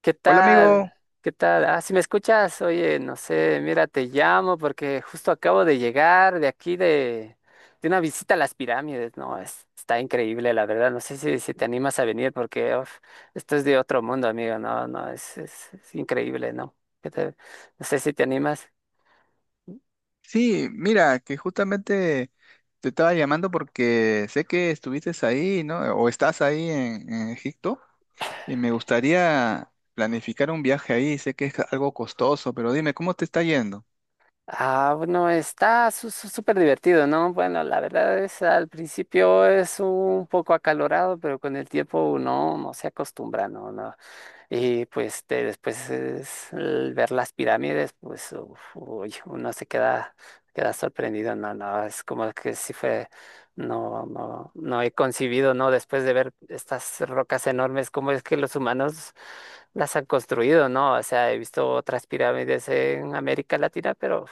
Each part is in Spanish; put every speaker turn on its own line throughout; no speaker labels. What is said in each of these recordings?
¿Qué
Hola
tal?
amigo,
¿Qué tal? Ah, si me escuchas, oye, no sé, mira, te llamo porque justo acabo de llegar de aquí de una visita a las pirámides, ¿no? Está increíble, la verdad. No sé si te animas a venir porque uf, esto es de otro mundo, amigo. No, no, es increíble, ¿no? ¿Qué te- no sé si te animas.
sí, mira, que justamente te estaba llamando porque sé que estuviste ahí, ¿no? O estás ahí en Egipto y me gustaría planificar un viaje ahí, sé que es algo costoso, pero dime, ¿cómo te está yendo?
Ah, bueno, está súper divertido, ¿no? Bueno, la verdad es, al principio es un poco acalorado, pero con el tiempo uno no se acostumbra, ¿no? No, y pues después es el ver las pirámides, pues uf, uy, uno se queda, queda sorprendido, no, no, es como que sí fue, no, no, no he concibido, ¿no? Después de ver estas rocas enormes, cómo es que los humanos las han construido, ¿no? O sea, he visto otras pirámides en América Latina, pero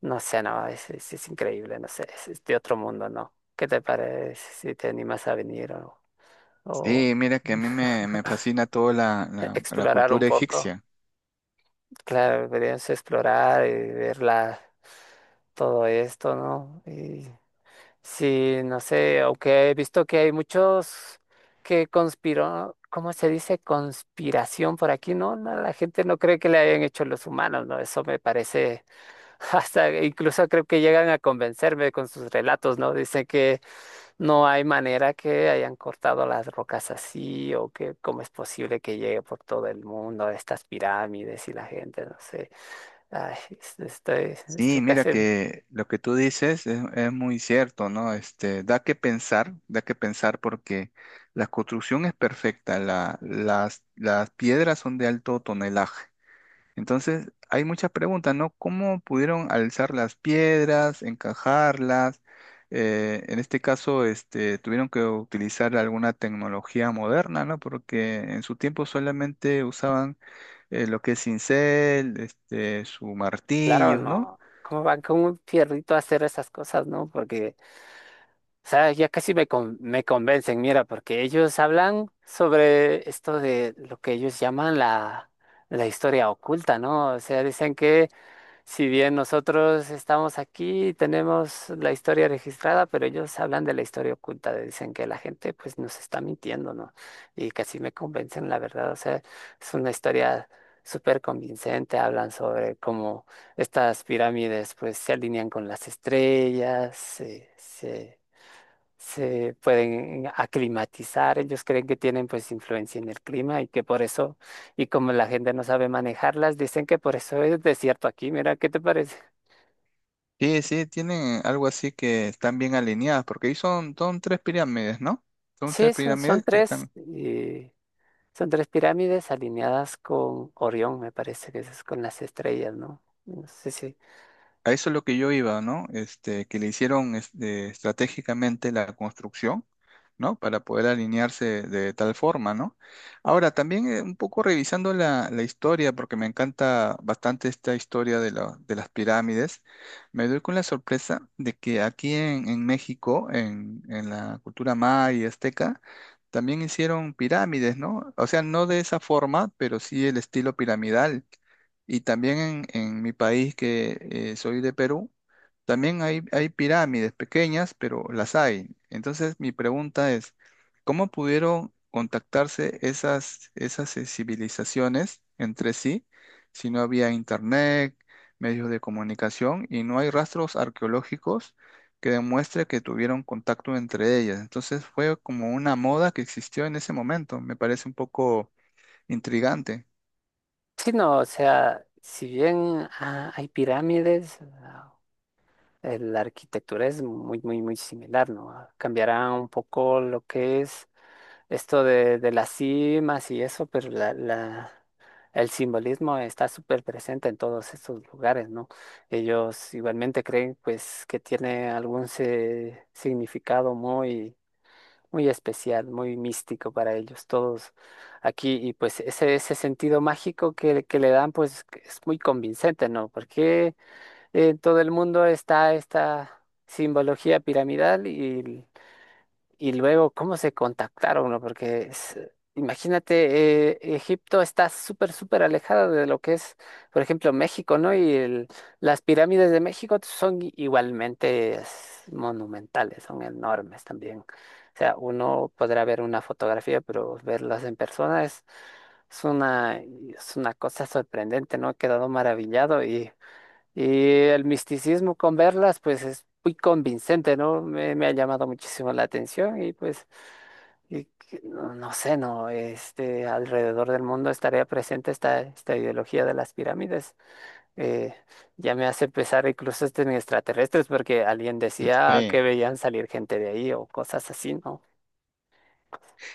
no sé, no, es increíble, no sé, es de otro mundo, ¿no? ¿Qué te parece si te animas a venir o
Sí, mira que a mí me fascina toda la
explorar un
cultura
poco?
egipcia.
Claro, deberíamos explorar y todo esto, ¿no? Y sí, no sé, aunque he visto que hay muchos que conspiró, ¿cómo se dice? Conspiración por aquí, ¿no? No, la gente no cree que le hayan hecho los humanos, ¿no? Eso me parece, hasta incluso creo que llegan a convencerme con sus relatos, ¿no? Dicen que no hay manera que hayan cortado las rocas así o que cómo es posible que llegue por todo el mundo estas pirámides y la gente, no sé. Ay, estoy,
Sí,
estoy
mira
casi,
que lo que tú dices es muy cierto, ¿no? Este, da que pensar porque la construcción es perfecta, las piedras son de alto tonelaje. Entonces, hay muchas preguntas, ¿no? ¿Cómo pudieron alzar las piedras, encajarlas? En este caso, este, tuvieron que utilizar alguna tecnología moderna, ¿no? Porque en su tiempo solamente usaban lo que es cincel, este, su
claro,
martillos, ¿no?
no. ¿Cómo van con un fierrito a hacer esas cosas, no? Porque, o sea, ya casi me, me convencen, mira, porque ellos hablan sobre esto de lo que ellos llaman la, la historia oculta, ¿no? O sea, dicen que si bien nosotros estamos aquí y tenemos la historia registrada, pero ellos hablan de la historia oculta, dicen que la gente pues nos está mintiendo, ¿no? Y casi me convencen, la verdad, o sea, es una historia súper convincente, hablan sobre cómo estas pirámides pues se alinean con las estrellas, se pueden aclimatizar, ellos creen que tienen pues influencia en el clima y que por eso, y como la gente no sabe manejarlas, dicen que por eso es desierto aquí, mira, ¿qué te parece?
Sí, sí, tienen algo así que están bien alineadas, porque ahí son tres pirámides, ¿no? Son
Sí,
tres
son
pirámides que
tres,
están.
son tres pirámides alineadas con Orión, me parece que es con las estrellas, ¿no? No sé si,
A eso es lo que yo iba, ¿no? Este, que le hicieron este, estratégicamente la construcción, ¿no? Para poder alinearse de tal forma, ¿no? Ahora, también un poco revisando la historia, porque me encanta bastante esta historia de, de las pirámides, me doy con la sorpresa de que aquí en México, en la cultura maya y azteca, también hicieron pirámides, ¿no? O sea, no de esa forma, pero sí el estilo piramidal. Y también en mi país, que soy de Perú, también hay pirámides pequeñas, pero las hay. Entonces, mi pregunta es, ¿cómo pudieron contactarse esas civilizaciones entre sí si no había internet, medios de comunicación y no hay rastros arqueológicos que demuestre que tuvieron contacto entre ellas? Entonces, fue como una moda que existió en ese momento. Me parece un poco intrigante.
sí, no, o sea, si bien ah, hay pirámides, la arquitectura es muy, muy, muy similar, ¿no? Cambiará un poco lo que es esto de las cimas y eso, pero la, el simbolismo está súper presente en todos estos lugares, ¿no? Ellos igualmente creen pues que tiene algún significado muy, muy especial, muy místico para ellos todos aquí y pues ese sentido mágico que le dan pues que es muy convincente, ¿no? Porque en todo el mundo está esta simbología piramidal y luego cómo se contactaron, ¿no? Porque imagínate, Egipto está súper, súper alejada de lo que es, por ejemplo, México, ¿no? Las pirámides de México son igualmente es, monumentales, son enormes también. O sea, uno podrá ver una fotografía, pero verlas en persona es una cosa sorprendente, ¿no? He quedado maravillado y... Y el misticismo con verlas, pues es muy convincente, ¿no? Me ha llamado muchísimo la atención y pues, y no, no sé, ¿no? Este, alrededor del mundo estaría presente esta, esta ideología de las pirámides. Eh, ya me hace pensar incluso este en extraterrestres, porque alguien decía que
Sí.
veían salir gente de ahí o cosas así, ¿no?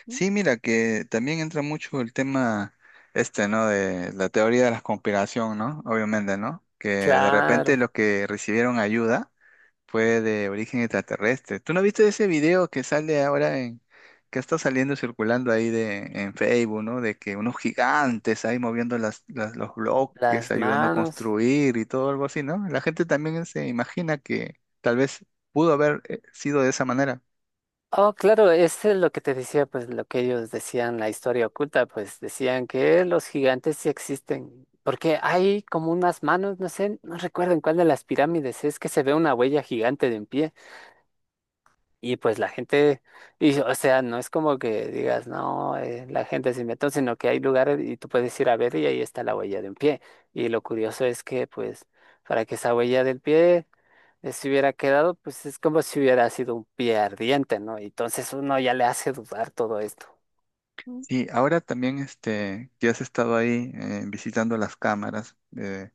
Sí, mira, que también entra mucho el tema este, ¿no? De la teoría de la conspiración, ¿no? Obviamente, ¿no? Que de
Claro,
repente los que recibieron ayuda fue de origen extraterrestre. ¿Tú no viste ese video que sale ahora en, que está saliendo circulando ahí de, en Facebook, ¿no? De que unos gigantes ahí moviendo los bloques,
las
ayudando a
manos.
construir y todo algo así, ¿no? La gente también se imagina que tal vez pudo haber sido de esa manera.
Oh, claro, es lo que te decía, pues lo que ellos decían, la historia oculta, pues decían que los gigantes sí existen, porque hay como unas manos, no sé, no recuerdo en cuál de las pirámides es que se ve una huella gigante de un pie y pues la gente, y, o sea, no es como que digas, no, la gente se inventó, sino que hay lugares y tú puedes ir a ver y ahí está la huella de un pie. Y lo curioso es que pues para que esa huella del pie se hubiera quedado, pues es como si hubiera sido un pie ardiente, ¿no? Y entonces uno ya le hace dudar todo esto.
Sí, ahora también este, que has estado ahí visitando las cámaras de-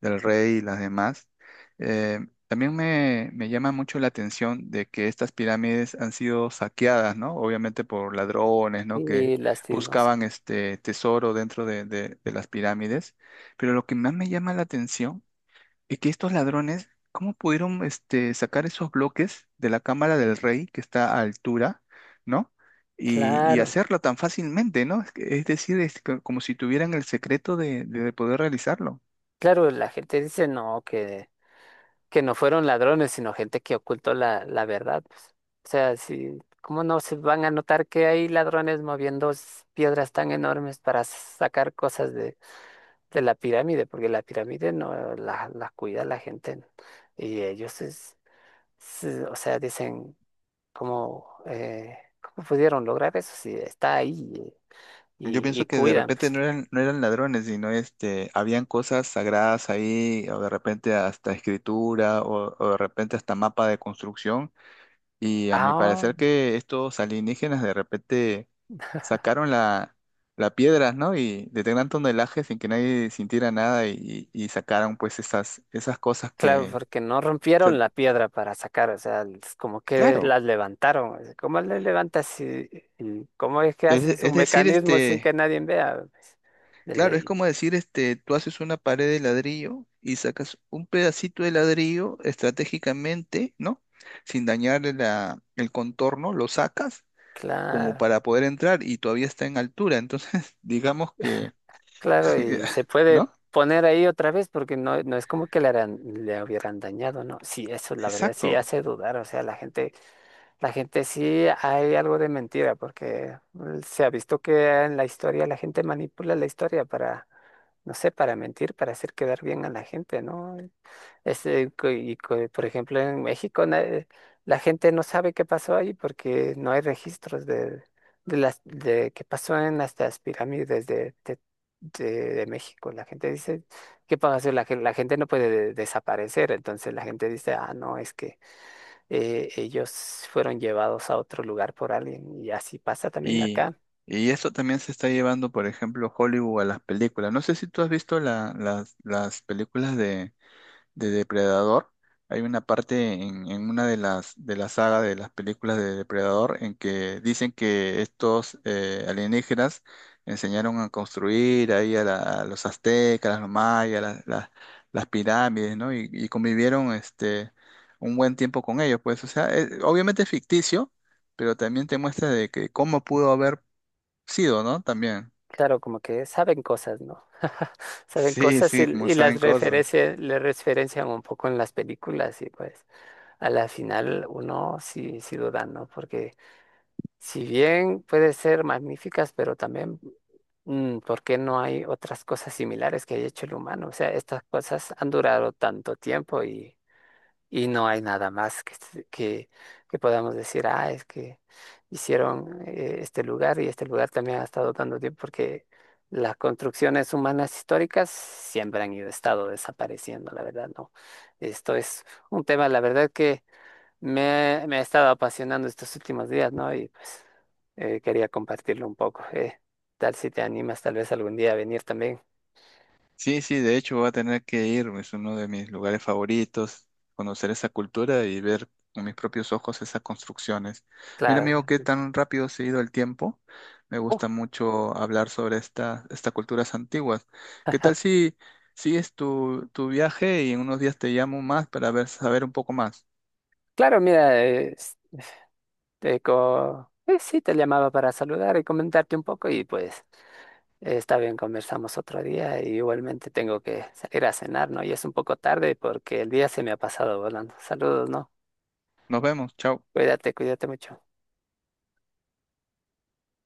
del rey y las demás, eh, también me llama mucho la atención de que estas pirámides han sido saqueadas, ¿no? Obviamente por ladrones, ¿no? Que
Y lastimosa.
buscaban este tesoro dentro de, de las pirámides. Pero lo que más me llama la atención y que estos ladrones, ¿cómo pudieron este, sacar esos bloques de la cámara del rey que está a altura, ¿no? Y
Claro,
hacerlo tan fácilmente, ¿no? Es, es decir, es como si tuvieran el secreto de poder realizarlo.
claro, la gente dice no, que no fueron ladrones, sino gente que ocultó la, la verdad pues. O sea, si, ¿cómo no se van a notar que hay ladrones moviendo piedras tan enormes para sacar cosas de la pirámide? Porque la pirámide no la, la cuida la gente, ¿no? Y ellos es, o sea, dicen. ¿Cómo, cómo pudieron lograr eso si está ahí
Yo
y
pienso que de
cuidan
repente
pues?
no eran, no eran ladrones, sino este, habían cosas sagradas ahí, o de repente hasta escritura, o de repente hasta mapa de construcción. Y a mi
Ah,
parecer que estos alienígenas de repente sacaron la piedra, ¿no? Y de gran tonelaje sin que nadie sintiera nada y, y sacaron pues esas cosas
claro,
que...
porque no
O sea,
rompieron la piedra para sacar, o sea, es como que
claro,
las levantaron, o sea, ¿cómo las levantas y cómo es que haces un
es decir,
mecanismo sin
este,
que nadie vea pues, de
claro, es
ley?
como decir, este, tú haces una pared de ladrillo y sacas un pedacito de ladrillo estratégicamente, ¿no? Sin dañar la, el contorno, lo sacas como
Claro,
para poder entrar y todavía está en altura. Entonces, digamos que...
claro, y se puede
¿No?
poner ahí otra vez porque no, no es como que le, le hubieran dañado, ¿no? Sí, eso la verdad sí
Exacto.
hace dudar, o sea, la gente sí hay algo de mentira, porque se ha visto que en la historia la gente manipula la historia para, no sé, para mentir, para hacer quedar bien a la gente, ¿no? Este, por ejemplo, en México la gente no sabe qué pasó ahí porque no hay registros de las de qué pasó en las pirámides de México. La gente dice, ¿qué pasó? La, la gente no puede desaparecer, entonces la gente dice, ah, no, es que ellos fueron llevados a otro lugar por alguien y así pasa también
Y,
acá.
y eso también se está llevando, por ejemplo, Hollywood a las películas. No sé si tú has visto las películas de Depredador. Hay una parte en una de las de la saga de las películas de Depredador en que dicen que estos alienígenas enseñaron a construir ahí a, a los aztecas, los mayas, las pirámides, ¿no? Y convivieron este un buen tiempo con ellos, pues, o sea, obviamente es ficticio, pero también te muestra de que cómo pudo haber sido, ¿no? También.
Claro, como que saben cosas, ¿no? Saben
Sí,
cosas
sí, como
y
saben
las
cosas.
referencias, le referencian un poco en las películas y pues a la final uno sí, sí duda, ¿no? Porque si bien puede ser magníficas, pero también, ¿por qué no hay otras cosas similares que haya hecho el humano? O sea, estas cosas han durado tanto tiempo y no hay nada más que, que podamos decir, ah, es que hicieron este lugar y este lugar también ha estado dando tiempo porque las construcciones humanas históricas siempre han ido, estado desapareciendo, la verdad, ¿no? Esto es un tema, la verdad, que me ha estado apasionando estos últimos días, ¿no? Y pues quería compartirlo un poco. Tal si te animas tal vez algún día a venir también.
Sí, sí, de hecho voy a tener que ir, es uno de mis lugares favoritos, conocer esa cultura y ver con mis propios ojos esas construcciones. Mira,
Claro.
amigo, qué tan rápido se ha ido el tiempo. Me
Oh,
gusta mucho hablar sobre esta, estas culturas antiguas. ¿Qué tal si sigues tu viaje y en unos días te llamo más para ver, saber un poco más?
claro, mira. Sí, te llamaba para saludar y comentarte un poco y pues está bien, conversamos otro día y igualmente tengo que salir a cenar, ¿no? Y es un poco tarde porque el día se me ha pasado volando. Saludos, ¿no?
Nos vemos, chao.
Cuídate, cuídate mucho.